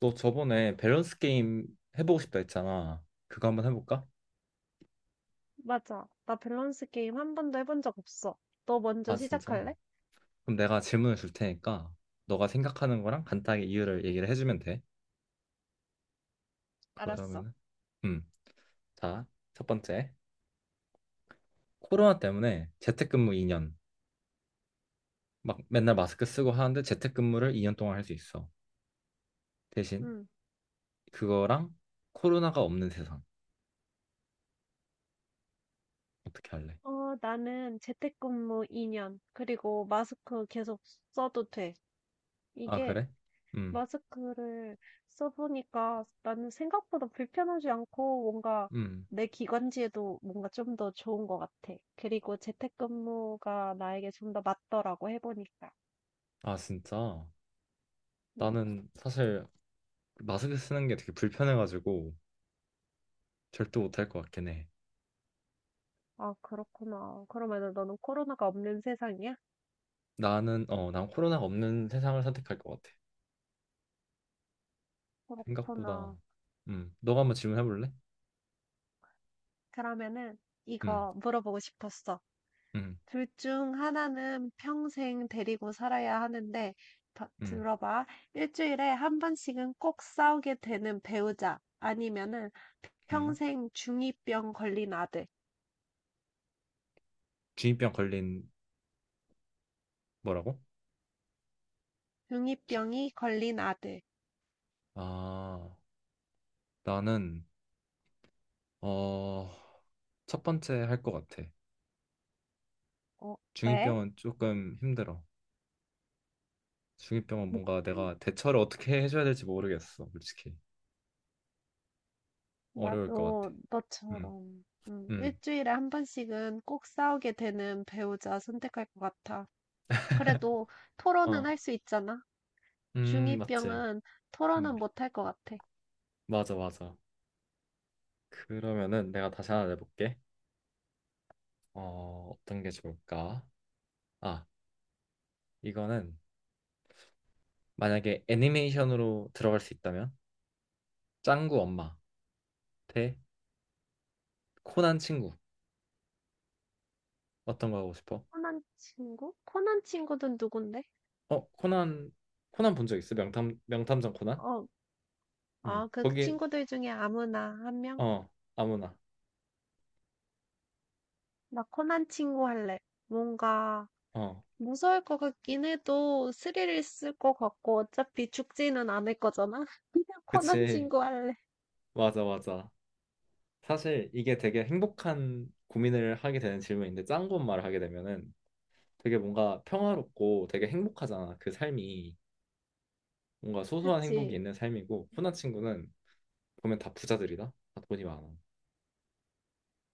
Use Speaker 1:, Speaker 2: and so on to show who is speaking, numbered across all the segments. Speaker 1: 너 저번에 밸런스 게임 해보고 싶다 했잖아. 그거 한번 해볼까?
Speaker 2: 맞아. 나 밸런스 게임 한 번도 해본 적 없어. 너 먼저
Speaker 1: 아, 진짜?
Speaker 2: 시작할래?
Speaker 1: 그럼 내가 질문을 줄 테니까 너가 생각하는 거랑 간단하게 이유를 얘기를 해주면 돼.
Speaker 2: 알았어.
Speaker 1: 그러면은, 음, 자, 첫 번째. 코로나 때문에 재택근무 2년. 막 맨날 마스크 쓰고 하는데 재택근무를 2년 동안 할 수 있어. 대신
Speaker 2: 응.
Speaker 1: 그거랑 코로나가 없는 세상. 어떻게 할래?
Speaker 2: 나는 재택근무 2년, 그리고 마스크 계속 써도 돼.
Speaker 1: 아,
Speaker 2: 이게
Speaker 1: 그래? 음,
Speaker 2: 마스크를 써보니까 나는 생각보다 불편하지 않고 뭔가
Speaker 1: 음.
Speaker 2: 내 기관지에도 뭔가 좀 더 좋은 것 같아. 그리고 재택근무가 나에게 좀 더 맞더라고 해보니까.
Speaker 1: 아, 진짜?
Speaker 2: 응.
Speaker 1: 나는 사실 마스크 쓰는 게 되게 불편해가지고 절대 못할 것 같긴 해.
Speaker 2: 아, 그렇구나. 그러면은 너는 코로나가 없는 세상이야?
Speaker 1: 난 코로나가 없는 세상을 선택할 것 같아. 생각보다.
Speaker 2: 그렇구나.
Speaker 1: 너가 한번 질문해 볼래?
Speaker 2: 그러면은
Speaker 1: 음,
Speaker 2: 이거 물어보고 싶었어.
Speaker 1: 음,
Speaker 2: 둘 중 하나는 평생 데리고 살아야 하는데,
Speaker 1: 음,
Speaker 2: 들어봐. 일주일에 한 번씩은 꼭 싸우게 되는 배우자. 아니면은
Speaker 1: 음.
Speaker 2: 평생 중이병 걸린 아들.
Speaker 1: 중이병 걸린 뭐라고? 주-
Speaker 2: 중이병이 걸린 아들.
Speaker 1: 아, 나는 어, 첫 번째 할 것 같아.
Speaker 2: 어, 왜?
Speaker 1: 중이병은 조금 힘들어. 중이병은 뭔가 내가 대처를 어떻게 해줘야 될지 모르겠어, 솔직히. 어려울 것 같아.
Speaker 2: 나도
Speaker 1: 음,
Speaker 2: 너처럼.
Speaker 1: 음,
Speaker 2: 일주일에 한 번씩은 꼭 싸우게 되는 배우자 선택할 것 같아. 그래도 토론은
Speaker 1: 어,
Speaker 2: 할 수 있잖아.
Speaker 1: 맞지.
Speaker 2: 중2병은 토론은
Speaker 1: 음,
Speaker 2: 못할 것 같아.
Speaker 1: 맞아, 맞아. 그러면은 내가 다시 하나 내볼게. 어떤 게 좋을까? 아, 이거는 만약에 애니메이션으로 들어갈 수 있다면 짱구 엄마 대 코난 친구 어떤 거 하고 싶어?
Speaker 2: 코난 친구? 코난 친구는 누군데?
Speaker 1: 어, 코난 코난 본 적 있어? 명탐정 코난?
Speaker 2: 어, 아, 그
Speaker 1: 거기
Speaker 2: 친구들 중에 아무나 한 명?
Speaker 1: 어 아무나.
Speaker 2: 나 코난 친구 할래. 뭔가
Speaker 1: 어,
Speaker 2: 무서울 것 같긴 해도 스릴 있을 것 같고 어차피 죽지는 않을 거잖아. 그냥 코난
Speaker 1: 그치.
Speaker 2: 친구 할래.
Speaker 1: 맞아, 맞아. 사실 이게 되게 행복한 고민을 하게 되는 질문인데, 짱구 엄마를 하게 되면은 되게 뭔가 평화롭고 되게 행복하잖아, 그 삶이. 뭔가 소소한 행복이
Speaker 2: 그치?
Speaker 1: 있는 삶이고, 코난 친구는 보면 다 부자들이다. 다 돈이 많아.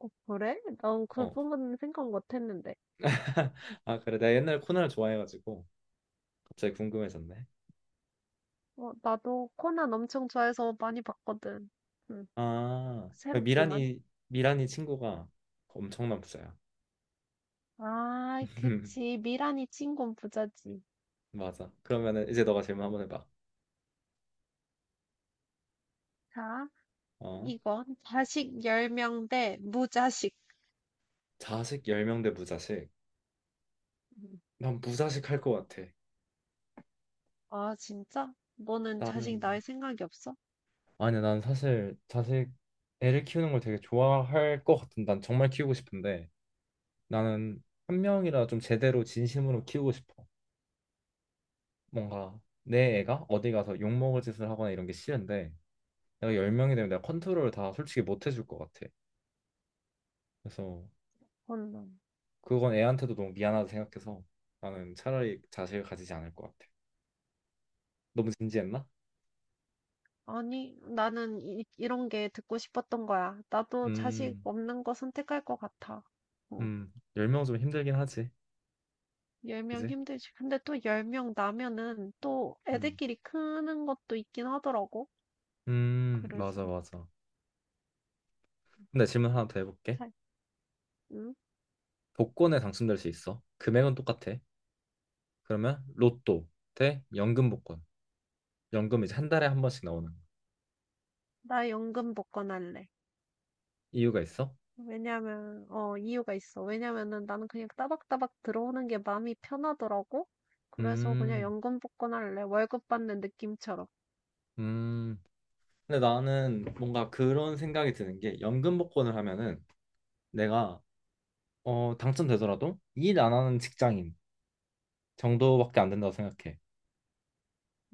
Speaker 2: 어, 그래? 난 그
Speaker 1: 어.
Speaker 2: 부분은 생각 못 했는데.
Speaker 1: 아, 그래. 내가 옛날 코난을 좋아해가지고 갑자기 궁금해졌네.
Speaker 2: 어, 나도 코난 엄청 좋아해서 많이 봤거든. 응,
Speaker 1: 아,
Speaker 2: 새롭구만.
Speaker 1: 미란이 미란이 친구가 엄청난 부자야.
Speaker 2: 아, 그치. 미란이 친군 부자지.
Speaker 1: 맞아. 그러면은 이제 너가 질문 한번 해봐.
Speaker 2: 자,
Speaker 1: 어.
Speaker 2: 이건 자식 10명 대 무자식.
Speaker 1: 자식 10명 대 무자식.
Speaker 2: 음.
Speaker 1: 난 무자식 할 것 같아.
Speaker 2: 아, 진짜? 너는
Speaker 1: 나는,
Speaker 2: 자식 낳을 생각이 없어?
Speaker 1: 아니, 야, 난 사실 자식, 애를 키우는 걸 되게 좋아할 것 같은. 난 정말 키우고 싶은데, 나는 한 명이라 좀 제대로 진심으로 키우고 싶어. 뭔가 내 애가 어디 가서 욕먹을 짓을 하거나 이런 게 싫은데, 내가 열 명이 되면 내가 컨트롤을 다 솔직히 못 해줄 것 같아. 그래서
Speaker 2: 혼남.
Speaker 1: 그건 애한테도 너무 미안하다 생각해서 나는 차라리 자식을 가지지 않을 것 같아. 너무 진지했나?
Speaker 2: 아니, 나는 이런 게 듣고 싶었던 거야. 나도 자식
Speaker 1: 음,
Speaker 2: 없는 거 선택할 것 같아. 어,
Speaker 1: 열 명 좀 힘들긴 하지.
Speaker 2: 10명
Speaker 1: 그지?
Speaker 2: 힘들지. 근데 또 10명 나면은 또
Speaker 1: 음,
Speaker 2: 애들끼리 크는 것도 있긴 하더라고.
Speaker 1: 맞아,
Speaker 2: 그래서,
Speaker 1: 맞아. 근데 질문 하나 더 해볼게.
Speaker 2: 자, 응?
Speaker 1: 복권에 당첨될 수 있어. 금액은 똑같아. 그러면 로또 대 연금 복권. 연금, 이제 한 달에 한 번씩 나오는 거.
Speaker 2: 나 연금 복권 할래.
Speaker 1: 이유가 있어?
Speaker 2: 이유가 있어. 왜냐면은 나는 그냥 따박따박 들어오는 게 마음이 편하더라고. 그래서 그냥
Speaker 1: 음,
Speaker 2: 연금 복권할래. 월급 받는 느낌처럼.
Speaker 1: 음. 근데 나는 뭔가 그런 생각이 드는 게, 연금 복권을 하면은 내가 당첨되더라도 일 안 하는 직장인 정도밖에 안 된다고 생각해.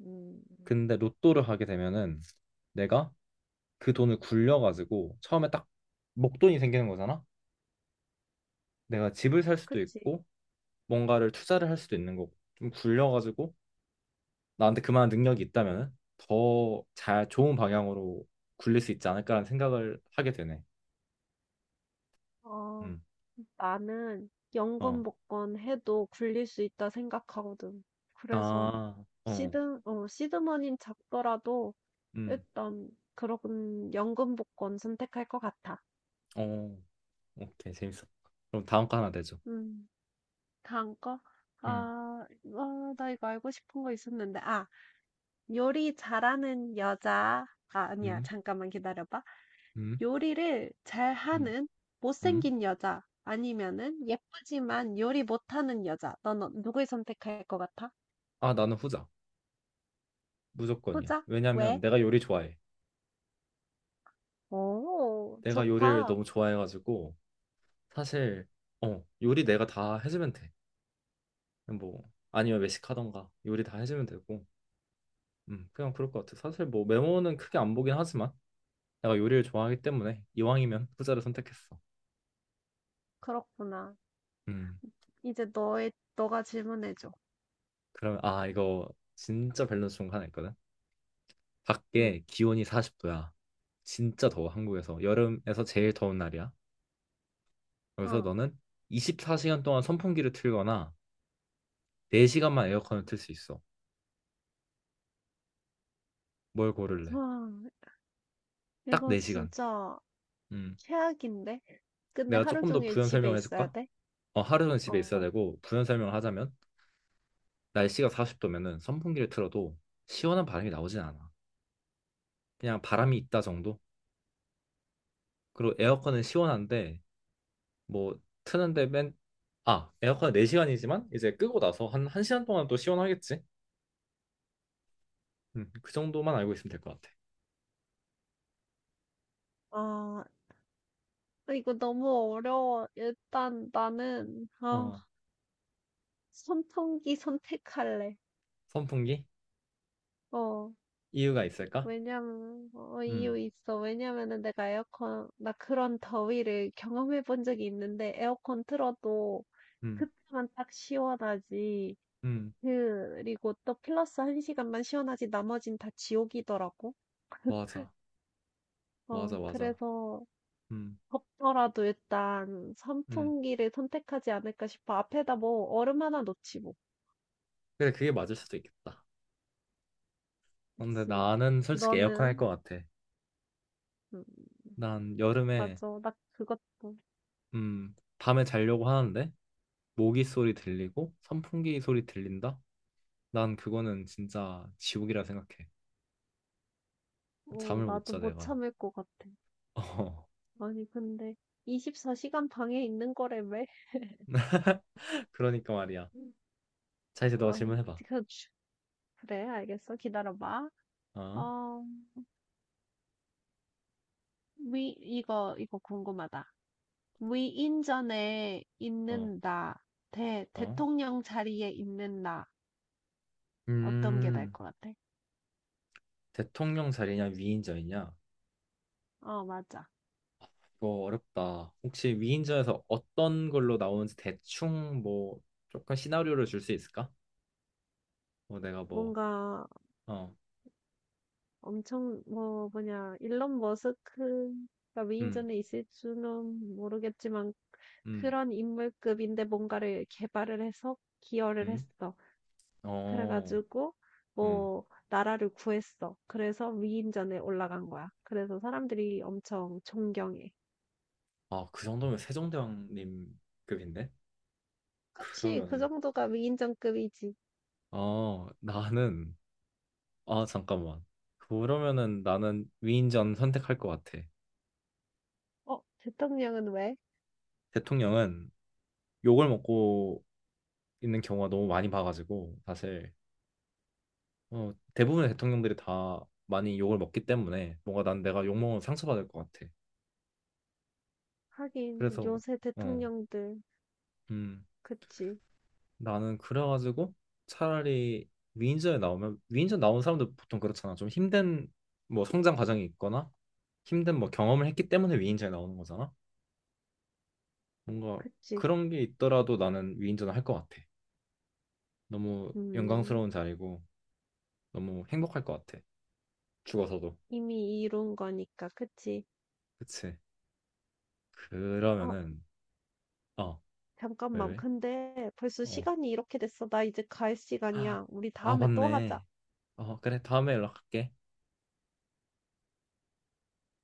Speaker 2: 음,
Speaker 1: 근데 로또를 하게 되면은 내가 그 돈을 굴려가지고 처음에 딱 목돈이 생기는 거잖아. 내가 집을 살 수도
Speaker 2: 그치.
Speaker 1: 있고 뭔가를 투자를 할 수도 있는 거고, 좀 굴려가지고 나한테 그만한 능력이 있다면은 더 잘, 좋은 방향으로 굴릴 수 있지 않을까라는 생각을 하게 되네.
Speaker 2: 어,
Speaker 1: 음.
Speaker 2: 나는
Speaker 1: 어.
Speaker 2: 연금 복권 해도 굴릴 수 있다 생각하거든. 그래서
Speaker 1: 아. 어.
Speaker 2: 시드머니는 작더라도
Speaker 1: 음.
Speaker 2: 일단 그런 연금 복권 선택할 것 같아.
Speaker 1: 어, 오케이, 재밌어. 그럼 다음 거 하나 내줘.
Speaker 2: 음, 다음 거?
Speaker 1: 응,
Speaker 2: 아, 아, 나 이거 알고 싶은 거 있었는데. 아, 요리 잘하는 여자. 아, 아니야.
Speaker 1: 응,
Speaker 2: 잠깐만 기다려봐.
Speaker 1: 응,
Speaker 2: 요리를
Speaker 1: 응,
Speaker 2: 잘하는
Speaker 1: 응.
Speaker 2: 못생긴 여자. 아니면은 예쁘지만 요리 못하는 여자. 넌 누굴 선택할 것 같아?
Speaker 1: 아, 나는 후자. 무조건이야.
Speaker 2: 후자?
Speaker 1: 왜냐면
Speaker 2: 왜?
Speaker 1: 내가 요리 좋아해.
Speaker 2: 오,
Speaker 1: 내가 요리를
Speaker 2: 좋다.
Speaker 1: 너무 좋아해가지고 사실 요리 내가 다 해주면 돼. 뭐 아니면 외식하던가 요리 다 해주면 되고, 그냥 그럴 것 같아. 사실 뭐 메모는 크게 안 보긴 하지만 내가 요리를 좋아하기 때문에 이왕이면 후자를 선택했어.
Speaker 2: 그렇구나.
Speaker 1: 음,
Speaker 2: 이제 너가 질문해줘.
Speaker 1: 그러면 아, 이거 진짜 밸런스 좋은 거 하나 있거든.
Speaker 2: 응,
Speaker 1: 밖에 기온이 40도야. 진짜 더워, 한국에서. 여름에서 제일 더운 날이야. 그래서
Speaker 2: 어.
Speaker 1: 너는 24시간 동안 선풍기를 틀거나 4시간만 에어컨을 틀 수 있어. 뭘 고를래?
Speaker 2: 와,
Speaker 1: 딱
Speaker 2: 이거
Speaker 1: 4시간.
Speaker 2: 진짜
Speaker 1: 음.
Speaker 2: 최악인데? 근데
Speaker 1: 내가
Speaker 2: 하루
Speaker 1: 조금 더
Speaker 2: 종일
Speaker 1: 부연
Speaker 2: 집에
Speaker 1: 설명을
Speaker 2: 있어야
Speaker 1: 해줄까?
Speaker 2: 돼?
Speaker 1: 어, 하루는 집에 있어야
Speaker 2: 어.
Speaker 1: 되고, 부연 설명을 하자면, 날씨가 40도면은 선풍기를 틀어도 시원한 바람이 나오진 않아. 그냥 바람이 있다 정도? 그리고 에어컨은 시원한데, 뭐, 트는데 아, 에어컨은 4시간이지만, 이제 끄고 나서 한 1시간 동안 또 시원하겠지? 그 정도만 알고 있으면 될 것 같아.
Speaker 2: 아, 이거 너무 어려워. 일단
Speaker 1: 어,
Speaker 2: 선풍기 선택할래.
Speaker 1: 선풍기?
Speaker 2: 어,
Speaker 1: 이유가 있을까? 음,
Speaker 2: 이유 있어. 왜냐면은 내가 나 그런 더위를 경험해 본 적이 있는데, 에어컨 틀어도
Speaker 1: 음,
Speaker 2: 그때만 딱 시원하지.
Speaker 1: 음,
Speaker 2: 그리고 또 플러스 한 시간만 시원하지, 나머진 다 지옥이더라고.
Speaker 1: 맞아,
Speaker 2: 어,
Speaker 1: 맞아, 맞아.
Speaker 2: 그래서
Speaker 1: 음,
Speaker 2: 덥더라도 일단
Speaker 1: 음.
Speaker 2: 선풍기를 선택하지 않을까 싶어. 앞에다 뭐 얼음 하나 놓지 뭐.
Speaker 1: 근데 그게 맞을 수도 있겠다. 근데
Speaker 2: 그치.
Speaker 1: 나는 솔직히 에어컨 할 것
Speaker 2: 너는?
Speaker 1: 같아.
Speaker 2: 음,
Speaker 1: 난 여름에,
Speaker 2: 맞아. 나 그것도.
Speaker 1: 밤에 자려고 하는데, 모기 소리 들리고, 선풍기 소리 들린다? 난 그거는 진짜 지옥이라 생각해.
Speaker 2: 어,
Speaker 1: 잠을 못
Speaker 2: 나도
Speaker 1: 자,
Speaker 2: 못
Speaker 1: 내가.
Speaker 2: 참을 것 같아.
Speaker 1: 어,
Speaker 2: 아니, 근데 24시간 방에 있는 거라며?
Speaker 1: 그러니까 말이야. 자, 이제 너
Speaker 2: 아, 그,
Speaker 1: 질문해봐.
Speaker 2: 그래, 알겠어. 기다려봐.
Speaker 1: 어,
Speaker 2: 어, 이거 궁금하다. 위인전에
Speaker 1: 어,
Speaker 2: 있는 나,
Speaker 1: 어.
Speaker 2: 대통령 자리에 있는 나, 어떤 게 나을
Speaker 1: 음.
Speaker 2: 것 같아?
Speaker 1: 대통령 자리냐, 위인전이냐?
Speaker 2: 어, 맞아.
Speaker 1: 이거 어렵다. 혹시 위인전에서 어떤 걸로 나오는지 대충, 뭐 조금 시나리오를 줄 수 있을까? 뭐 내가 뭐
Speaker 2: 뭔가
Speaker 1: 어,
Speaker 2: 엄청 뭐냐 일론 머스크가
Speaker 1: 음,
Speaker 2: 위인전에 있을지는 모르겠지만
Speaker 1: 음,
Speaker 2: 그런 인물급인데 뭔가를 개발을 해서 기여를
Speaker 1: 음,
Speaker 2: 했어.
Speaker 1: 어,
Speaker 2: 그래가지고
Speaker 1: 음.
Speaker 2: 뭐 나라를 구했어. 그래서 위인전에 올라간 거야. 그래서 사람들이 엄청 존경해.
Speaker 1: 아, 그 정도면 세종대왕님 급인데?
Speaker 2: 그치, 그
Speaker 1: 그러면은
Speaker 2: 정도가 위인전급이지.
Speaker 1: 나는, 아, 잠깐만. 그러면은 나는 위인전 선택할 것 같아.
Speaker 2: 어, 대통령은 왜?
Speaker 1: 대통령은 욕을 먹고 있는 경우가 너무 많이 봐가지고, 사실 대부분의 대통령들이 다 많이 욕을 먹기 때문에 뭔가 난 내가 욕먹으면 상처받을 것 같아.
Speaker 2: 하긴
Speaker 1: 그래서
Speaker 2: 요새
Speaker 1: 어,
Speaker 2: 대통령들
Speaker 1: 음,
Speaker 2: 그치,
Speaker 1: 나는 그래가지고 차라리 위인전에, 나오면 위인전 나온 사람들 보통 그렇잖아. 좀 힘든 뭐 성장 과정이 있거나 힘든 뭐 경험을 했기 때문에 위인전에 나오는 거잖아. 뭔가
Speaker 2: 그치.
Speaker 1: 그런 게 있더라도 나는 위인전을 할 것 같아. 너무
Speaker 2: 음,
Speaker 1: 영광스러운 자리고 너무 행복할 것 같아. 죽어서도.
Speaker 2: 이미 이룬 거니까 그치.
Speaker 1: 그치?
Speaker 2: 어,
Speaker 1: 그러면은 어, 왜,
Speaker 2: 잠깐만.
Speaker 1: 왜?
Speaker 2: 근데 벌써
Speaker 1: 어.
Speaker 2: 시간이 이렇게 됐어. 나 이제 갈
Speaker 1: 아,
Speaker 2: 시간이야. 우리
Speaker 1: 아,
Speaker 2: 다음에 또 하자.
Speaker 1: 맞네. 어, 그래. 다음에 연락할게.